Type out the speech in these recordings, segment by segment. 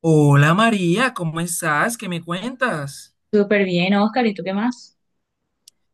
Hola María, ¿cómo estás? ¿Qué me cuentas? Súper bien, Oscar, ¿y tú qué más?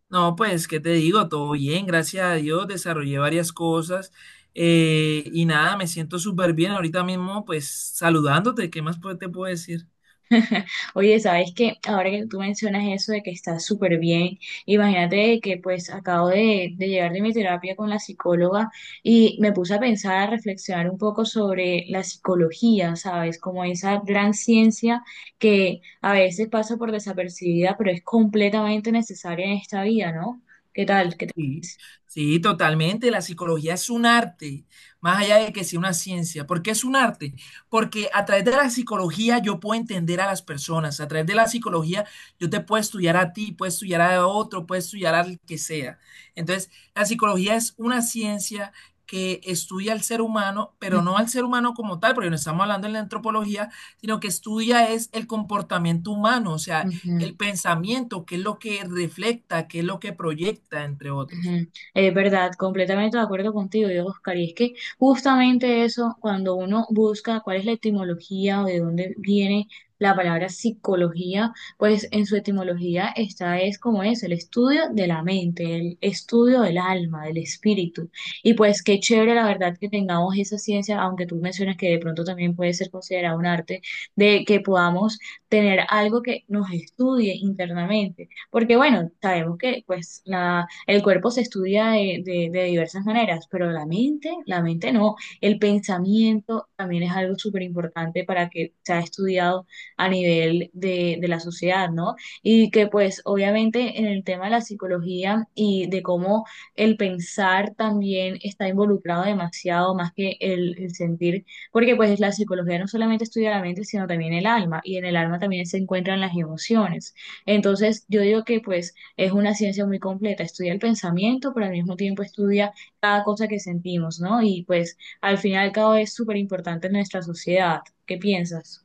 No, pues, ¿qué te digo? Todo bien, gracias a Dios, desarrollé varias cosas y nada, me siento súper bien ahorita mismo, pues, saludándote, ¿qué más te puedo decir? Oye, sabes que ahora que tú mencionas eso de que estás súper bien, imagínate que pues acabo de llegar de mi terapia con la psicóloga y me puse a pensar, a reflexionar un poco sobre la psicología, ¿sabes? Como esa gran ciencia que a veces pasa por desapercibida, pero es completamente necesaria en esta vida, ¿no? ¿Qué tal? ¿Qué te Sí, parece? sí, totalmente. La psicología es un arte, más allá de que sea una ciencia. ¿Por qué es un arte? Porque a través de la psicología yo puedo entender a las personas. A través de la psicología yo te puedo estudiar a ti, puedo estudiar a otro, puedo estudiar al que sea. Entonces, la psicología es una ciencia que estudia al ser humano, pero no al Ujú, ser humano como tal, porque no estamos hablando en la antropología, sino que estudia es el comportamiento humano, o sea, ujú. el pensamiento, que es lo que refleja, que es lo que proyecta, entre otros. Ujú. Es verdad, completamente de acuerdo contigo, yo, Oscar. Y es que justamente eso, cuando uno busca cuál es la etimología o de dónde viene la palabra psicología, pues en su etimología está es como es, el estudio de la mente, el estudio del alma, del espíritu. Y pues qué chévere la verdad que tengamos esa ciencia, aunque tú mencionas que de pronto también puede ser considerado un arte, de que podamos tener algo que nos estudie internamente. Porque bueno, sabemos que pues la el cuerpo se estudia de diversas maneras, pero la mente no. El pensamiento también es algo súper importante para que sea estudiado a nivel de la sociedad, ¿no? Y que pues obviamente en el tema de la psicología y de cómo el pensar también está involucrado demasiado más que el sentir, porque pues la psicología no solamente estudia la mente, sino también el alma, y en el alma también se encuentran las emociones. Entonces, yo digo que pues es una ciencia muy completa, estudia el pensamiento, pero al mismo tiempo estudia cada cosa que sentimos, ¿no? Y pues al final cada vez es súper importante en nuestra sociedad. ¿Qué piensas?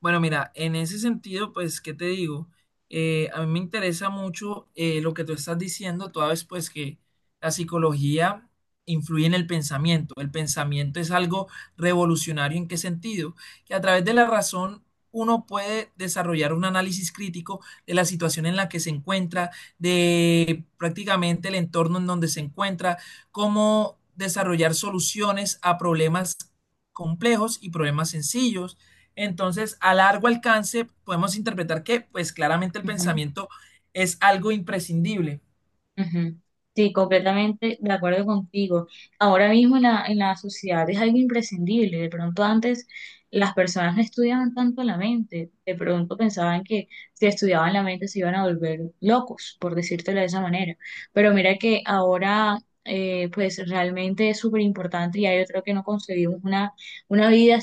Bueno, mira, en ese sentido, pues, ¿qué te digo? A mí me interesa mucho lo que tú estás diciendo, toda vez pues que la psicología influye en el pensamiento. El pensamiento es algo revolucionario. ¿En qué sentido? Que a través de la razón uno puede desarrollar un análisis crítico de la situación en la que se encuentra, de prácticamente el entorno en donde se encuentra, cómo desarrollar soluciones a problemas complejos y problemas sencillos. Entonces, a largo alcance podemos interpretar que, pues claramente el Ujú. pensamiento es algo imprescindible. Ujú. Sí, completamente de acuerdo contigo. Ahora mismo en la sociedad es algo imprescindible. De pronto antes las personas no estudiaban tanto la mente. De pronto pensaban que si estudiaban la mente se iban a volver locos, por decírtelo de esa manera. Pero mira que ahora pues realmente es súper importante y ya yo creo que no concebimos una vida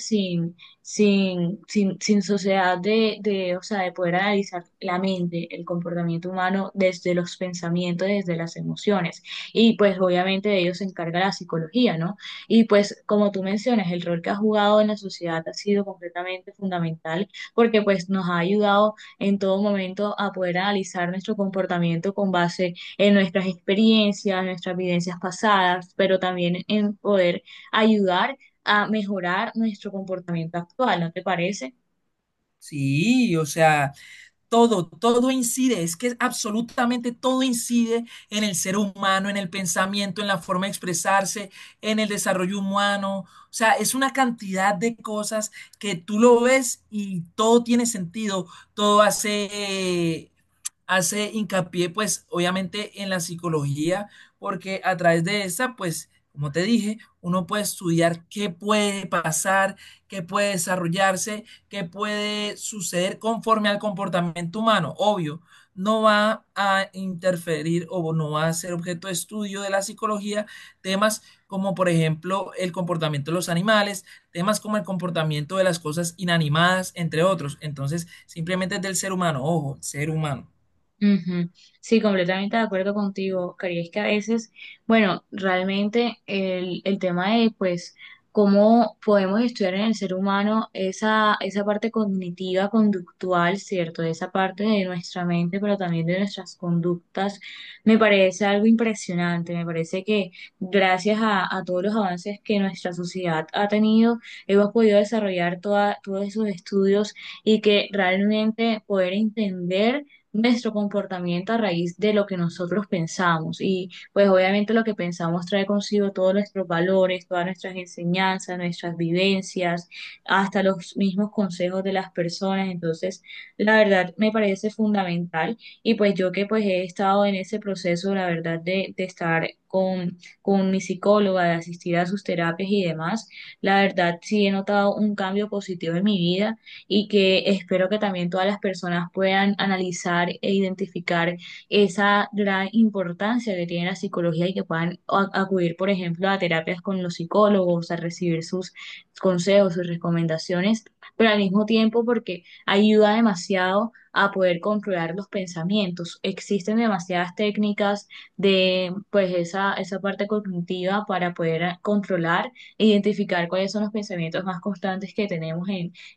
sin sociedad de, o sea, de poder analizar la mente, el comportamiento humano desde los pensamientos, desde las emociones. Y pues obviamente de ello se encarga la psicología, ¿no? Y pues como tú mencionas, el rol que ha jugado en la sociedad ha sido completamente fundamental porque pues nos ha ayudado en todo momento a poder analizar nuestro comportamiento con base en nuestras experiencias, nuestras vivencias pasadas, pero también en poder ayudar a mejorar nuestro comportamiento actual, ¿no te parece? Sí, o sea, todo incide, es que absolutamente todo incide en el ser humano, en el pensamiento, en la forma de expresarse, en el desarrollo humano. O sea, es una cantidad de cosas que tú lo ves y todo tiene sentido, todo hace hincapié, pues, obviamente en la psicología, porque a través de esa, pues, como te dije, uno puede estudiar qué puede pasar, qué puede desarrollarse, qué puede suceder conforme al comportamiento humano. Obvio, no va a interferir o no va a ser objeto de estudio de la psicología temas como, por ejemplo, el comportamiento de los animales, temas como el comportamiento de las cosas inanimadas, entre otros. Entonces, simplemente es del ser humano, ojo, ser humano. Ujú. Sí, completamente de acuerdo contigo, Oscar. Y es que a veces, bueno, realmente el tema de, pues, cómo podemos estudiar en el ser humano esa, esa parte cognitiva, conductual, ¿cierto? Esa parte de nuestra mente, pero también de nuestras conductas, me parece algo impresionante. Me parece que gracias a todos los avances que nuestra sociedad ha tenido, hemos podido desarrollar toda, todos esos estudios y que realmente poder entender nuestro comportamiento a raíz de lo que nosotros pensamos. Y pues obviamente lo que pensamos trae consigo todos nuestros valores, todas nuestras enseñanzas, nuestras vivencias, hasta los mismos consejos de las personas. Entonces, la verdad me parece fundamental. Y pues yo que pues he estado en ese proceso, la verdad, de estar con mi psicóloga, de asistir a sus terapias y demás, la verdad sí he notado un cambio positivo en mi vida y que espero que también todas las personas puedan analizar e identificar esa gran importancia que tiene la psicología y que puedan acudir, por ejemplo, a terapias con los psicólogos, a recibir sus consejos, sus recomendaciones, pero al mismo tiempo porque ayuda demasiado a poder controlar los pensamientos. Existen demasiadas técnicas de pues esa parte cognitiva para poder controlar e identificar cuáles son los pensamientos más constantes que tenemos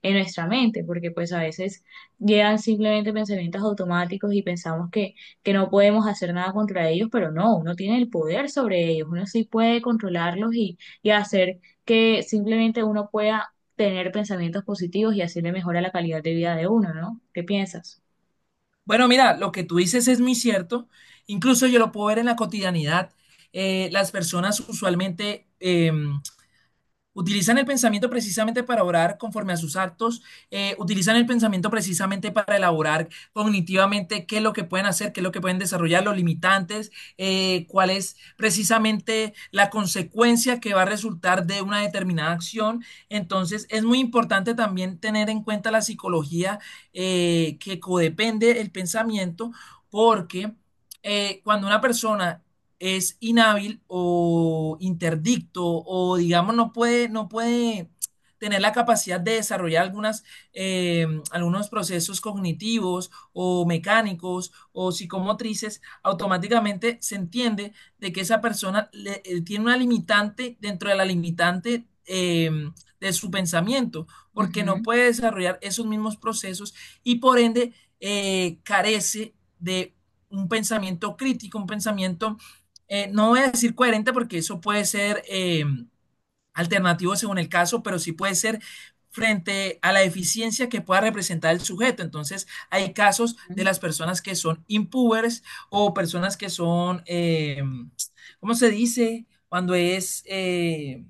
en nuestra mente, porque pues a veces llegan simplemente pensamientos automáticos y pensamos que no podemos hacer nada contra ellos, pero no, uno tiene el poder sobre ellos, uno sí puede controlarlos y hacer que simplemente uno pueda tener pensamientos positivos y así le mejora la calidad de vida de uno, ¿no? ¿Qué piensas? Bueno, mira, lo que tú dices es muy cierto. Incluso yo lo puedo ver en la cotidianidad. Las personas usualmente utilizan el pensamiento precisamente para orar conforme a sus actos, utilizan el pensamiento precisamente para elaborar cognitivamente qué es lo que pueden hacer, qué es lo que pueden desarrollar, los limitantes, cuál es precisamente la consecuencia que va a resultar de una determinada acción. Entonces, es muy importante también tener en cuenta la psicología, que codepende el pensamiento, porque cuando una persona es inhábil o interdicto o digamos no puede tener la capacidad de desarrollar algunas, algunos procesos cognitivos o mecánicos o psicomotrices, automáticamente se entiende de que esa persona tiene una limitante dentro de la limitante de su pensamiento, porque no Ujú, puede desarrollar esos mismos procesos, y por ende carece de un pensamiento crítico, un pensamiento no voy a decir coherente porque eso puede ser alternativo según el caso, pero sí puede ser frente a la eficiencia que pueda representar el sujeto. Entonces, hay casos de las personas que son impubers o personas que son, ¿cómo se dice? Cuando es,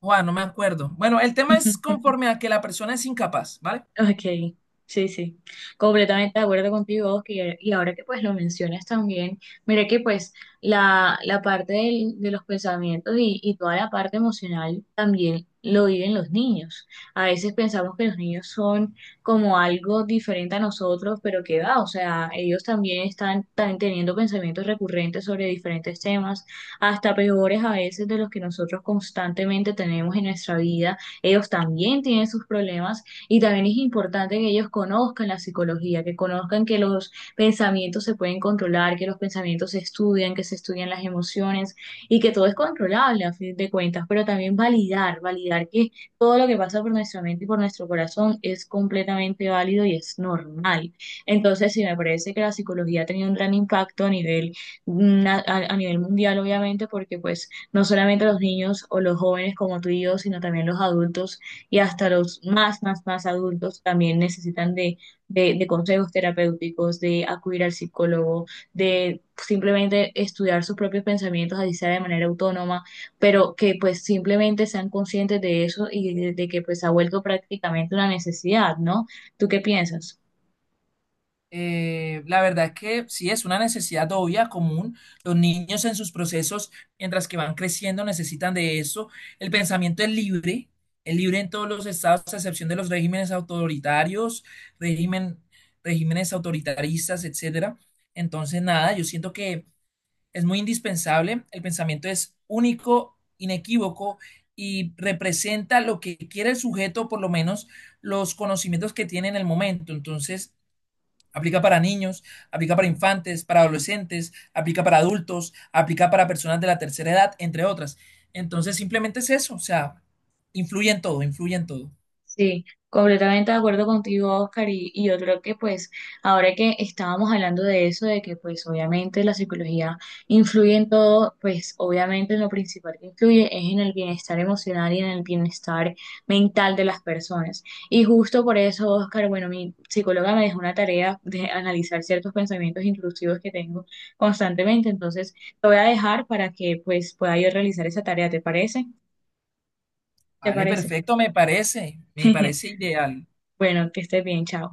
Juan, no me acuerdo. Bueno, el tema es ujú. conforme a que la persona es incapaz, ¿vale? Ok, sí, sí, completamente de acuerdo contigo, Oscar, y ahora que pues lo mencionas también, mira que pues la parte de los pensamientos y toda la parte emocional también lo viven los niños. A veces pensamos que los niños son como algo diferente a nosotros, pero que va, o sea, ellos también están, están teniendo pensamientos recurrentes sobre diferentes temas, hasta peores a veces de los que nosotros constantemente tenemos en nuestra vida. Ellos también tienen sus problemas y también es importante que ellos conozcan la psicología, que conozcan que los pensamientos se pueden controlar, que los pensamientos se estudian, que se estudian las emociones y que todo es controlable a fin de cuentas, pero también validar, validar que todo lo que pasa por nuestra mente y por nuestro corazón es completamente válido y es normal. Entonces, sí, me parece que la psicología ha tenido un gran impacto a nivel, a nivel mundial, obviamente, porque pues no solamente los niños o los jóvenes como tú y yo, sino también los adultos y hasta los más, más, más adultos también necesitan de consejos terapéuticos, de acudir al psicólogo, de simplemente estudiar sus propios pensamientos, así sea de manera autónoma, pero que pues simplemente sean conscientes de eso y de que pues ha vuelto prácticamente una necesidad, ¿no? ¿Tú qué piensas? La verdad es que sí es una necesidad obvia, común. Los niños en sus procesos, mientras que van creciendo, necesitan de eso. El pensamiento es libre en todos los estados, a excepción de los regímenes autoritarios, régimen, regímenes autoritaristas, etcétera. Entonces, nada, yo siento que es muy indispensable. El pensamiento es único, inequívoco y representa lo que quiere el sujeto, por lo menos los conocimientos que tiene en el momento. Entonces, aplica para niños, aplica para infantes, para adolescentes, aplica para adultos, aplica para personas de la tercera edad, entre otras. Entonces, simplemente es eso, o sea, influye en todo, influye en todo. Sí, completamente de acuerdo contigo, Oscar, y yo creo que pues ahora que estábamos hablando de eso, de que pues obviamente la psicología influye en todo, pues obviamente lo principal que influye es en el bienestar emocional y en el bienestar mental de las personas. Y justo por eso, Oscar, bueno, mi psicóloga me dejó una tarea de analizar ciertos pensamientos intrusivos que tengo constantemente, entonces te voy a dejar para que pues pueda yo realizar esa tarea, ¿te parece? ¿Te Vale, parece? perfecto, me parece ideal. Bueno, que estés bien, chao.